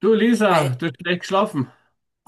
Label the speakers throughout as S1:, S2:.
S1: Du Lisa,
S2: Hi.
S1: du hast schlecht geschlafen.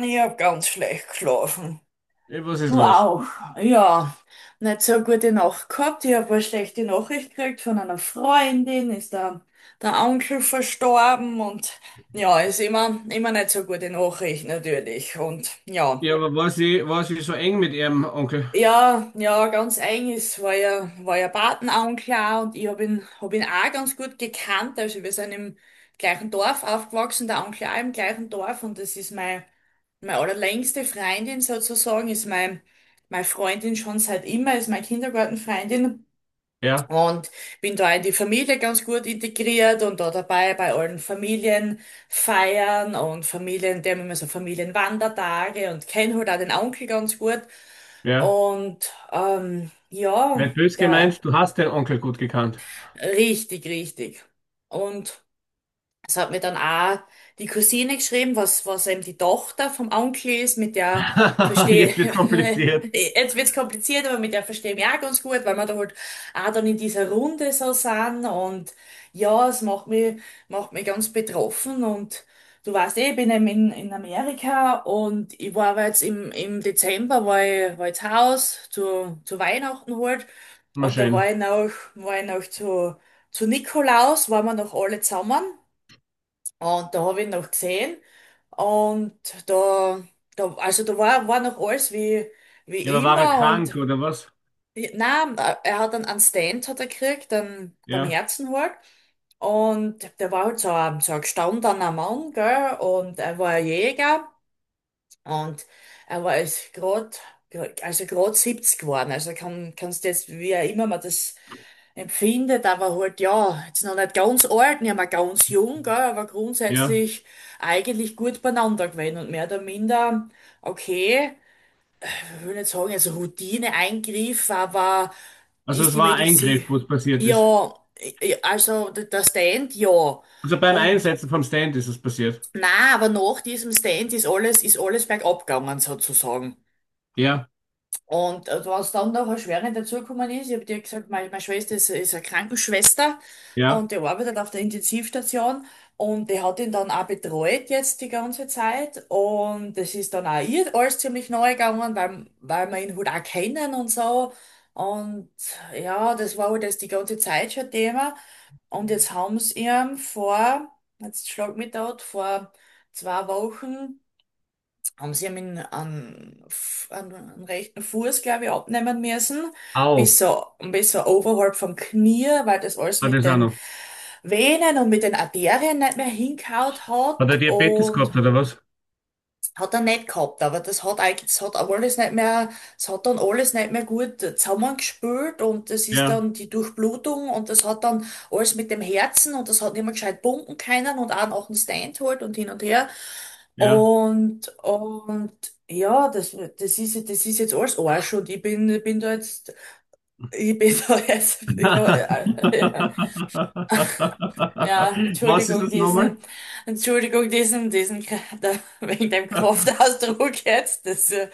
S2: Ich habe ganz schlecht geschlafen.
S1: Was ist
S2: Du
S1: los?
S2: auch. Ja, nicht so eine gute Nacht gehabt. Ich habe eine schlechte Nachricht gekriegt von einer Freundin, ist der Onkel verstorben und ja, ist immer nicht so gute Nachricht natürlich. Und ja.
S1: Ja, aber war sie so eng mit ihrem Onkel?
S2: Ja, ja, ganz eigenes war ja Patenonkel und ich hab ihn auch ganz gut gekannt. Also wir sind im gleichen Dorf aufgewachsen, der Onkel auch im gleichen Dorf und das ist meine allerlängste Freundin sozusagen, ist meine Freundin schon seit immer, ist meine Kindergartenfreundin.
S1: Ja,
S2: Und bin da in die Familie ganz gut integriert und da dabei bei allen Familienfeiern und Familien, die haben immer so Familienwandertage und kenne halt auch den Onkel ganz gut.
S1: ja.
S2: Und ja,
S1: Nicht böse
S2: der
S1: gemeint, du hast den Onkel gut gekannt.
S2: richtig, richtig. Und es hat mir dann auch die Cousine geschrieben, was eben die Tochter vom Onkel ist, mit der verstehe,
S1: Jetzt wird kompliziert.
S2: jetzt wird's kompliziert, aber mit der verstehe ich mich auch ganz gut, weil wir da halt auch dann in dieser Runde so sind und ja, es macht mich ganz betroffen und du weißt eh, ich bin eben in Amerika und ich war aber jetzt im Dezember, war ich zu Hause, zu Weihnachten halt
S1: Mal
S2: und da
S1: schön.
S2: war ich noch zu Nikolaus, waren wir noch alle zusammen. Und da habe ich ihn noch gesehen und da, da also da war noch alles wie,
S1: Ja, aber
S2: wie
S1: war er
S2: immer
S1: krank
S2: und
S1: oder was?
S2: nein, er hat einen Stand hat er gekriegt, beim
S1: Ja,
S2: Herzen halt. Und der war halt so ein gestandener Mann, gell, und er war ein Jäger. Und er war jetzt grad, also grad 70 geworden. Also kannst du jetzt, wie auch immer man das empfindet, aber halt, ja, jetzt noch nicht ganz alt, nicht mehr ganz jung, gell, aber
S1: ja.
S2: grundsätzlich eigentlich gut beieinander gewesen und mehr oder minder, okay, ich will nicht sagen, also Routineeingriff, aber
S1: Also
S2: ist
S1: es
S2: die
S1: war ein
S2: Medizin,
S1: Eingriff, wo es passiert ist.
S2: ja, ja, also der Stand, ja.
S1: Also beim
S2: Und,
S1: Einsetzen vom Stand ist es passiert.
S2: na, aber nach diesem Stand ist alles bergab gegangen, sozusagen.
S1: Ja,
S2: Und was dann noch erschwerend dazugekommen ist, ich habe dir gesagt, meine Schwester ist eine Krankenschwester
S1: ja.
S2: und die arbeitet auf der Intensivstation und die hat ihn dann auch betreut jetzt die ganze Zeit und das ist dann auch ihr alles ziemlich neu gegangen, weil wir ihn halt auch kennen und so. Und ja, das war halt das die ganze Zeit schon Thema. Und jetzt haben sie ihm vor, jetzt schlag mich dort, vor 2 Wochen haben sie ihm an rechten Fuß, glaube ich, abnehmen müssen,
S1: Au,
S2: bis so oberhalb vom Knie, weil das alles
S1: hat
S2: mit
S1: es auch
S2: den
S1: noch.
S2: Venen und mit den Arterien nicht mehr hingehaut
S1: Hat er
S2: hat
S1: Diabetes gehabt
S2: und
S1: oder was?
S2: hat er nicht gehabt, aber das hat eigentlich, das hat alles nicht mehr, es hat dann alles nicht mehr gut zusammengespült und das ist
S1: Ja,
S2: dann die Durchblutung und das hat dann alles mit dem Herzen und das hat nicht mehr gescheit pumpen können und auch nach dem Stand halt und hin und her.
S1: ja.
S2: Und ja, das ist jetzt alles Arsch und ich bin da jetzt, ich bin da jetzt über, Ja,
S1: Was ist
S2: Entschuldigung,
S1: das nochmal?
S2: diesen, da, wegen dem Kraftausdruck jetzt, das,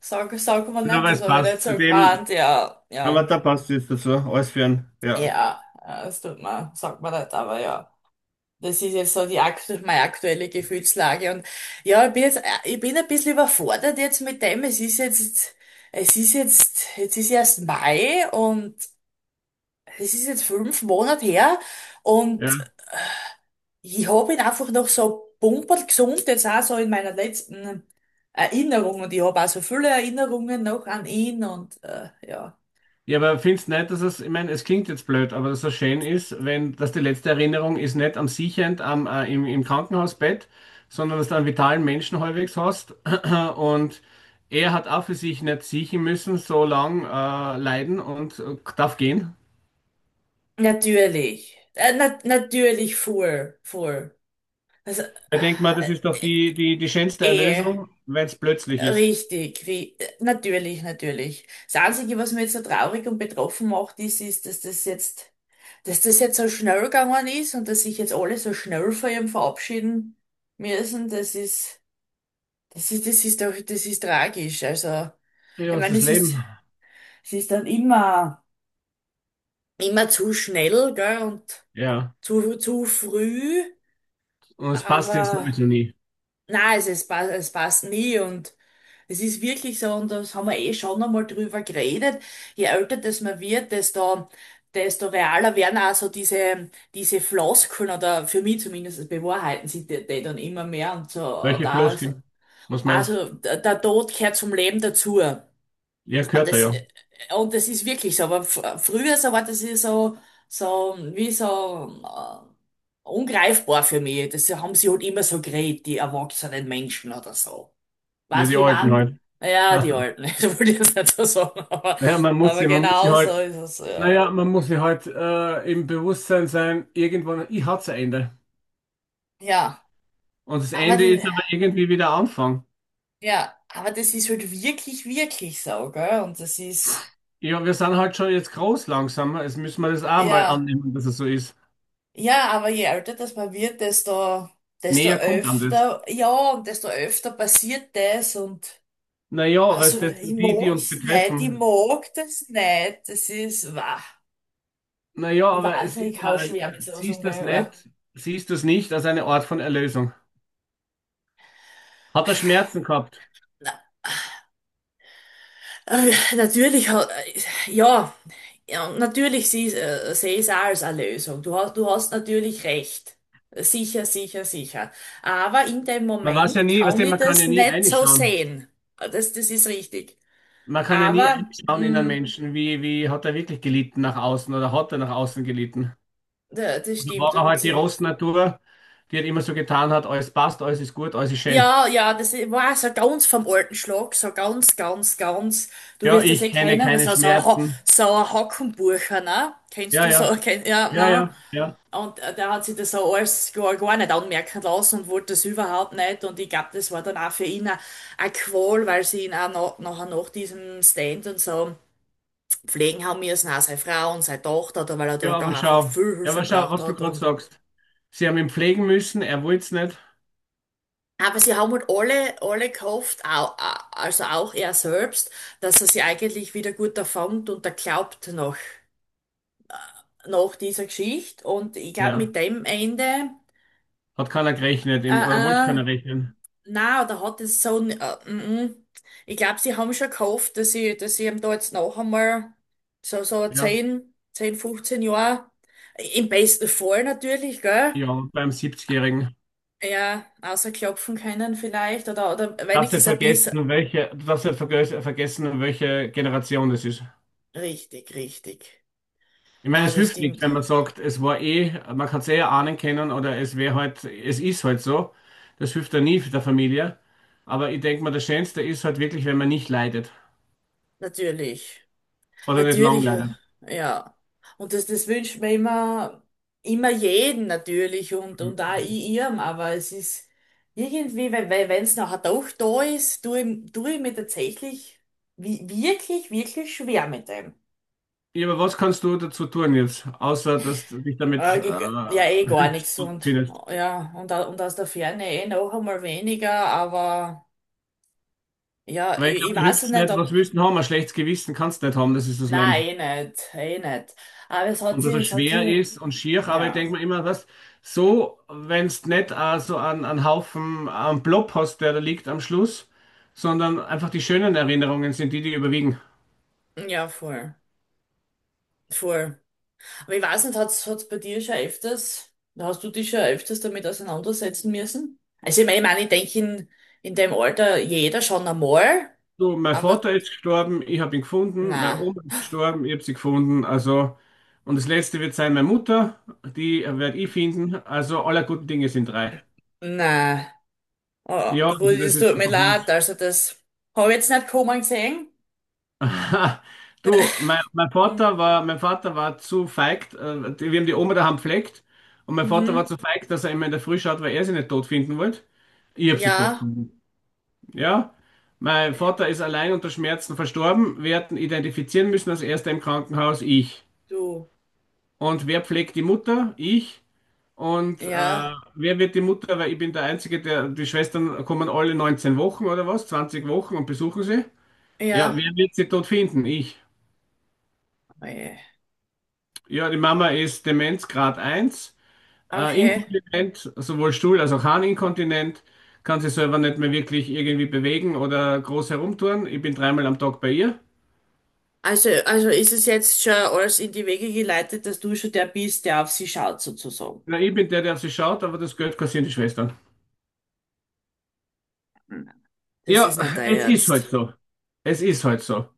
S2: sag man
S1: Ja,
S2: nicht,
S1: aber
S2: das
S1: es
S2: habe ich
S1: passt
S2: nicht so
S1: zu dem,
S2: gemeint, ja,
S1: aber
S2: ja,
S1: da passt es dazu, alles für ja.
S2: ja, das sagt man nicht, aber ja, das ist jetzt so meine aktuelle Gefühlslage und ja, ich bin ein bisschen überfordert jetzt mit dem, jetzt ist erst Mai und es ist jetzt 5 Monate her,
S1: Ja,
S2: und ich habe ihn einfach noch so bumperl gesund, jetzt auch so in meiner letzten Erinnerung. Und ich habe auch so viele Erinnerungen noch an ihn und ja.
S1: ja, aber findest nicht, dass es, ich meine, es klingt jetzt blöd, aber dass es so schön ist, wenn das die letzte Erinnerung ist, nicht am Siechend am, im, im Krankenhausbett, sondern dass du einen vitalen Menschen halbwegs hast und er hat auch für sich nicht siechen müssen, so lang leiden und darf gehen.
S2: Natürlich. Na natürlich voll, voll. Also,
S1: Ich denke mal, das ist doch die schönste
S2: eh,
S1: Erlösung, wenn es plötzlich ist.
S2: richtig, ri natürlich, natürlich. Das Einzige, was mich jetzt so traurig und betroffen macht, ist, dass das jetzt so schnell gegangen ist und dass sich jetzt alle so schnell von ihm verabschieden müssen. Das ist tragisch. Also,
S1: Ja,
S2: ich
S1: es ist
S2: meine,
S1: das
S2: es ist,
S1: Leben.
S2: es ist dann immer, immer zu schnell, gell, und
S1: Ja,
S2: zu früh,
S1: und es passt ja
S2: aber
S1: sowieso nie.
S2: nein, es passt nie und es ist wirklich so, und das haben wir eh schon einmal drüber geredet. Je älter das man wird, desto realer werden auch so diese Floskeln oder für mich zumindest bewahrheiten sich die dann immer mehr und so, und
S1: Welche
S2: auch,
S1: Floskel? Was meinst du?
S2: also, der Tod gehört zum Leben dazu.
S1: Ja,
S2: Und
S1: gehört er
S2: das,
S1: ja.
S2: äh, und das ist wirklich so. Aber früher so war das ja so, so wie so ungreifbar für mich. Das haben sie halt immer so geredet, die erwachsenen Menschen oder so.
S1: Ja,
S2: Weißt
S1: die
S2: du, wie
S1: alten
S2: man?
S1: halt.
S2: Ja, die Alten. Ich wollte ich jetzt nicht so sagen, aber,
S1: Naja,
S2: aber genau so ist es. Ja,
S1: man muss sie halt im Bewusstsein sein, irgendwann, ich hat's ein Ende.
S2: ja,
S1: Und das
S2: aber,
S1: Ende
S2: d-
S1: ist aber irgendwie wieder Anfang.
S2: ja, aber das ist halt wirklich, wirklich so, gell? Und das ist,
S1: Ja, wir sind halt schon jetzt groß langsam. Jetzt müssen wir das auch mal
S2: ja.
S1: annehmen, dass es so ist.
S2: Ja, aber je älter das man wird, desto
S1: Näher kommt an das.
S2: öfter, ja, und desto öfter passiert das und
S1: Naja, weil es
S2: also
S1: das,
S2: ich
S1: die, die uns
S2: mag's nicht, ich
S1: betreffen.
S2: mag das nicht. Das ist, wah.
S1: Naja,
S2: Ich
S1: aber
S2: weiß
S1: es
S2: nicht,
S1: ist,
S2: ich kann schwer mit sowas
S1: siehst das
S2: umgehen.
S1: nicht, siehst du es nicht als eine Art von Erlösung. Hat er Schmerzen gehabt?
S2: Na, natürlich ja, ja, und natürlich sehe ich es auch als eine Lösung. Du hast natürlich recht. Sicher, sicher, sicher. Aber in dem
S1: Man weiß ja
S2: Moment
S1: nie, weißt
S2: kann
S1: du,
S2: ich
S1: man kann
S2: das
S1: ja nie
S2: nicht so
S1: reinschauen.
S2: sehen. Das ist richtig.
S1: Man kann ja nie
S2: Aber,
S1: reinschauen in einen Menschen, wie, wie hat er wirklich gelitten nach außen oder hat er nach außen gelitten.
S2: das
S1: Und da
S2: stimmt.
S1: war er halt
S2: Und
S1: die Rossnatur, die hat immer so getan hat, alles passt, alles ist gut, alles ist schön.
S2: ja, ja, das war so ganz vom alten Schlag, so ganz, ganz, ganz. Du
S1: Ja,
S2: wirst das
S1: ich
S2: eh
S1: kenne
S2: kennen, was
S1: keine
S2: so,
S1: Schmerzen.
S2: so ein Hackenburcher, ne? Kennst
S1: Ja,
S2: du so,
S1: ja,
S2: ja,
S1: ja,
S2: ne?
S1: ja, ja.
S2: Und der hat sich das so alles gar nicht anmerken lassen und wollte das überhaupt nicht. Und ich glaube, das war dann auch für ihn eine Qual, weil sie ihn auch nachher nach diesem Stand und so pflegen haben müssen, auch seine Frau und seine Tochter, da, weil er
S1: Ja,
S2: dort auch
S1: aber
S2: einfach
S1: schau.
S2: viel
S1: Ja,
S2: Hilfe
S1: aber schau,
S2: braucht
S1: was du
S2: hat.
S1: gerade sagst. Sie haben ihn pflegen müssen, er wollte es nicht.
S2: Aber sie haben halt alle gehofft, also auch er selbst, dass er sie eigentlich wieder gut erfängt und er glaubt noch, nach dieser Geschichte. Und ich glaube,
S1: Ja,
S2: mit dem Ende,
S1: hat keiner gerechnet, im, oder wollte
S2: äh, äh,
S1: keiner rechnen.
S2: na, oder hat es so. Ich glaube, sie haben schon gehofft, dass sie, ihm da jetzt noch einmal so
S1: Ja,
S2: zehn, 15 Jahre, im besten Fall natürlich, gell?
S1: ja, beim 70-Jährigen.
S2: Ja, außer klopfen können vielleicht, oder
S1: Darfst nicht
S2: wenigstens ein bisschen.
S1: vergessen, um welche, du darfst nicht vergessen, um welche Generation das ist.
S2: Richtig, richtig.
S1: Ich meine,
S2: Na,
S1: es
S2: das
S1: hilft nichts,
S2: stimmt.
S1: wenn man sagt, es war eh, man kann es eh ahnen können oder es wäre halt, es ist halt so. Das hilft ja nie für der Familie. Aber ich denke mal, das Schönste ist halt wirklich, wenn man nicht leidet
S2: Natürlich.
S1: oder nicht lang
S2: Natürlich,
S1: leidet.
S2: ja. Und das wünscht man immer jeden natürlich und auch ihrem, aber es ist irgendwie, weil wenn es nachher doch da ist, tue ich mir tatsächlich wirklich, wirklich schwer mit dem.
S1: Ja, aber was kannst du dazu tun jetzt, außer dass du dich damit
S2: Ja, eh gar
S1: hilfst
S2: nichts
S1: und
S2: und
S1: findest?
S2: ja, und aus der Ferne eh noch einmal weniger, aber ja,
S1: Weil ich
S2: ich,
S1: glaube,
S2: ich
S1: da hilft
S2: weiß
S1: es
S2: nicht,
S1: nicht.
S2: ob.
S1: Was willst du denn haben? Ein schlechtes Gewissen kannst du nicht haben, das ist das Leben.
S2: Nein, eh nicht, eh nicht. Aber es hat
S1: Und dass
S2: sie,
S1: er
S2: es hat
S1: schwer
S2: sie,
S1: ist und schier, aber ich denke
S2: ja.
S1: mir immer, was, so, wenn es nicht auch so an, an Haufen, an Blob hast, der da liegt am Schluss, sondern einfach die schönen Erinnerungen sind die, die überwiegen.
S2: Ja, voll. Voll. Aber ich weiß nicht, hat's, hat's bei dir schon öfters, hast du dich schon öfters damit auseinandersetzen müssen? Also ich meine, ich denke in dem Alter jeder schon einmal,
S1: So, mein
S2: aber
S1: Vater ist gestorben, ich habe ihn gefunden, meine
S2: na,
S1: Oma ist gestorben, ich habe sie gefunden, also, und das letzte wird sein, meine Mutter, die werde ich finden, also aller guten Dinge sind drei.
S2: na. Oh,
S1: Ja, also
S2: gut,
S1: das
S2: es
S1: ist
S2: tut mir
S1: einfach was.
S2: leid. Also das habe ich jetzt nicht kommen gesehen.
S1: Aha. Du, mein
S2: Mhm.
S1: Vater war, mein Vater war zu feig, die- wir haben die Oma daheim gepflegt und mein Vater war
S2: Mhm.
S1: zu feig, dass er immer in der Früh schaut, weil er sie nicht tot finden wollte. Ich habe sie tot
S2: Ja.
S1: gefunden. Ja, mein Vater ist allein unter Schmerzen verstorben. Wir hätten identifizieren müssen als erster im Krankenhaus ich.
S2: Du.
S1: Und wer pflegt die Mutter? Ich. Und
S2: Ja.
S1: wer wird die Mutter? Weil ich bin der Einzige, der, die Schwestern kommen alle 19 Wochen oder was, 20 Wochen und besuchen sie. Ja,
S2: Ja.
S1: wer wird sie tot finden? Ich.
S2: Oje.
S1: Ja, die Mama ist Demenzgrad 1,
S2: Okay.
S1: inkontinent, sowohl Stuhl- als auch Harninkontinent, kann sich selber nicht mehr wirklich irgendwie bewegen oder groß herumtouren. Ich bin dreimal am Tag bei ihr.
S2: Also ist es jetzt schon alles in die Wege geleitet, dass du schon der bist, der auf sie schaut, sozusagen.
S1: Na, ich bin der, der auf sie schaut, aber das Geld kassieren die Schwestern.
S2: Mhm. Das
S1: Ja,
S2: ist nicht dein
S1: es ist halt
S2: Ernst.
S1: so. Es ist halt so.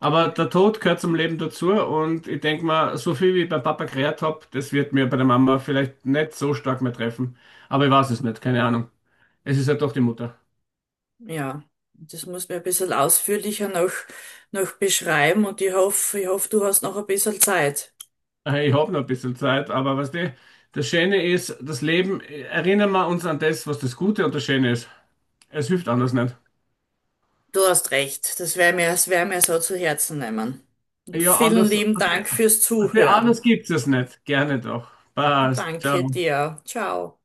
S1: Aber der Tod gehört zum Leben dazu und ich denke mal, so viel wie ich beim Papa gerät habe, das wird mir bei der Mama vielleicht nicht so stark mehr treffen. Aber ich weiß es nicht, keine Ahnung. Es ist halt doch die Mutter.
S2: Ja, das muss mir ein bisschen ausführlicher noch beschreiben und ich hoffe, du hast noch ein bisschen Zeit.
S1: Ich habe noch ein bisschen Zeit, aber was die, das Schöne ist, das Leben, erinnern wir uns an das, was das Gute und das Schöne ist. Es hilft anders nicht.
S2: Du hast recht, das wär mir so zu Herzen nehmen. Und
S1: Ja,
S2: vielen
S1: anders,
S2: lieben Dank fürs
S1: was die,
S2: Zuhören.
S1: anders gibt es nicht. Gerne doch. Passt.
S2: Danke
S1: Ciao.
S2: dir. Ciao.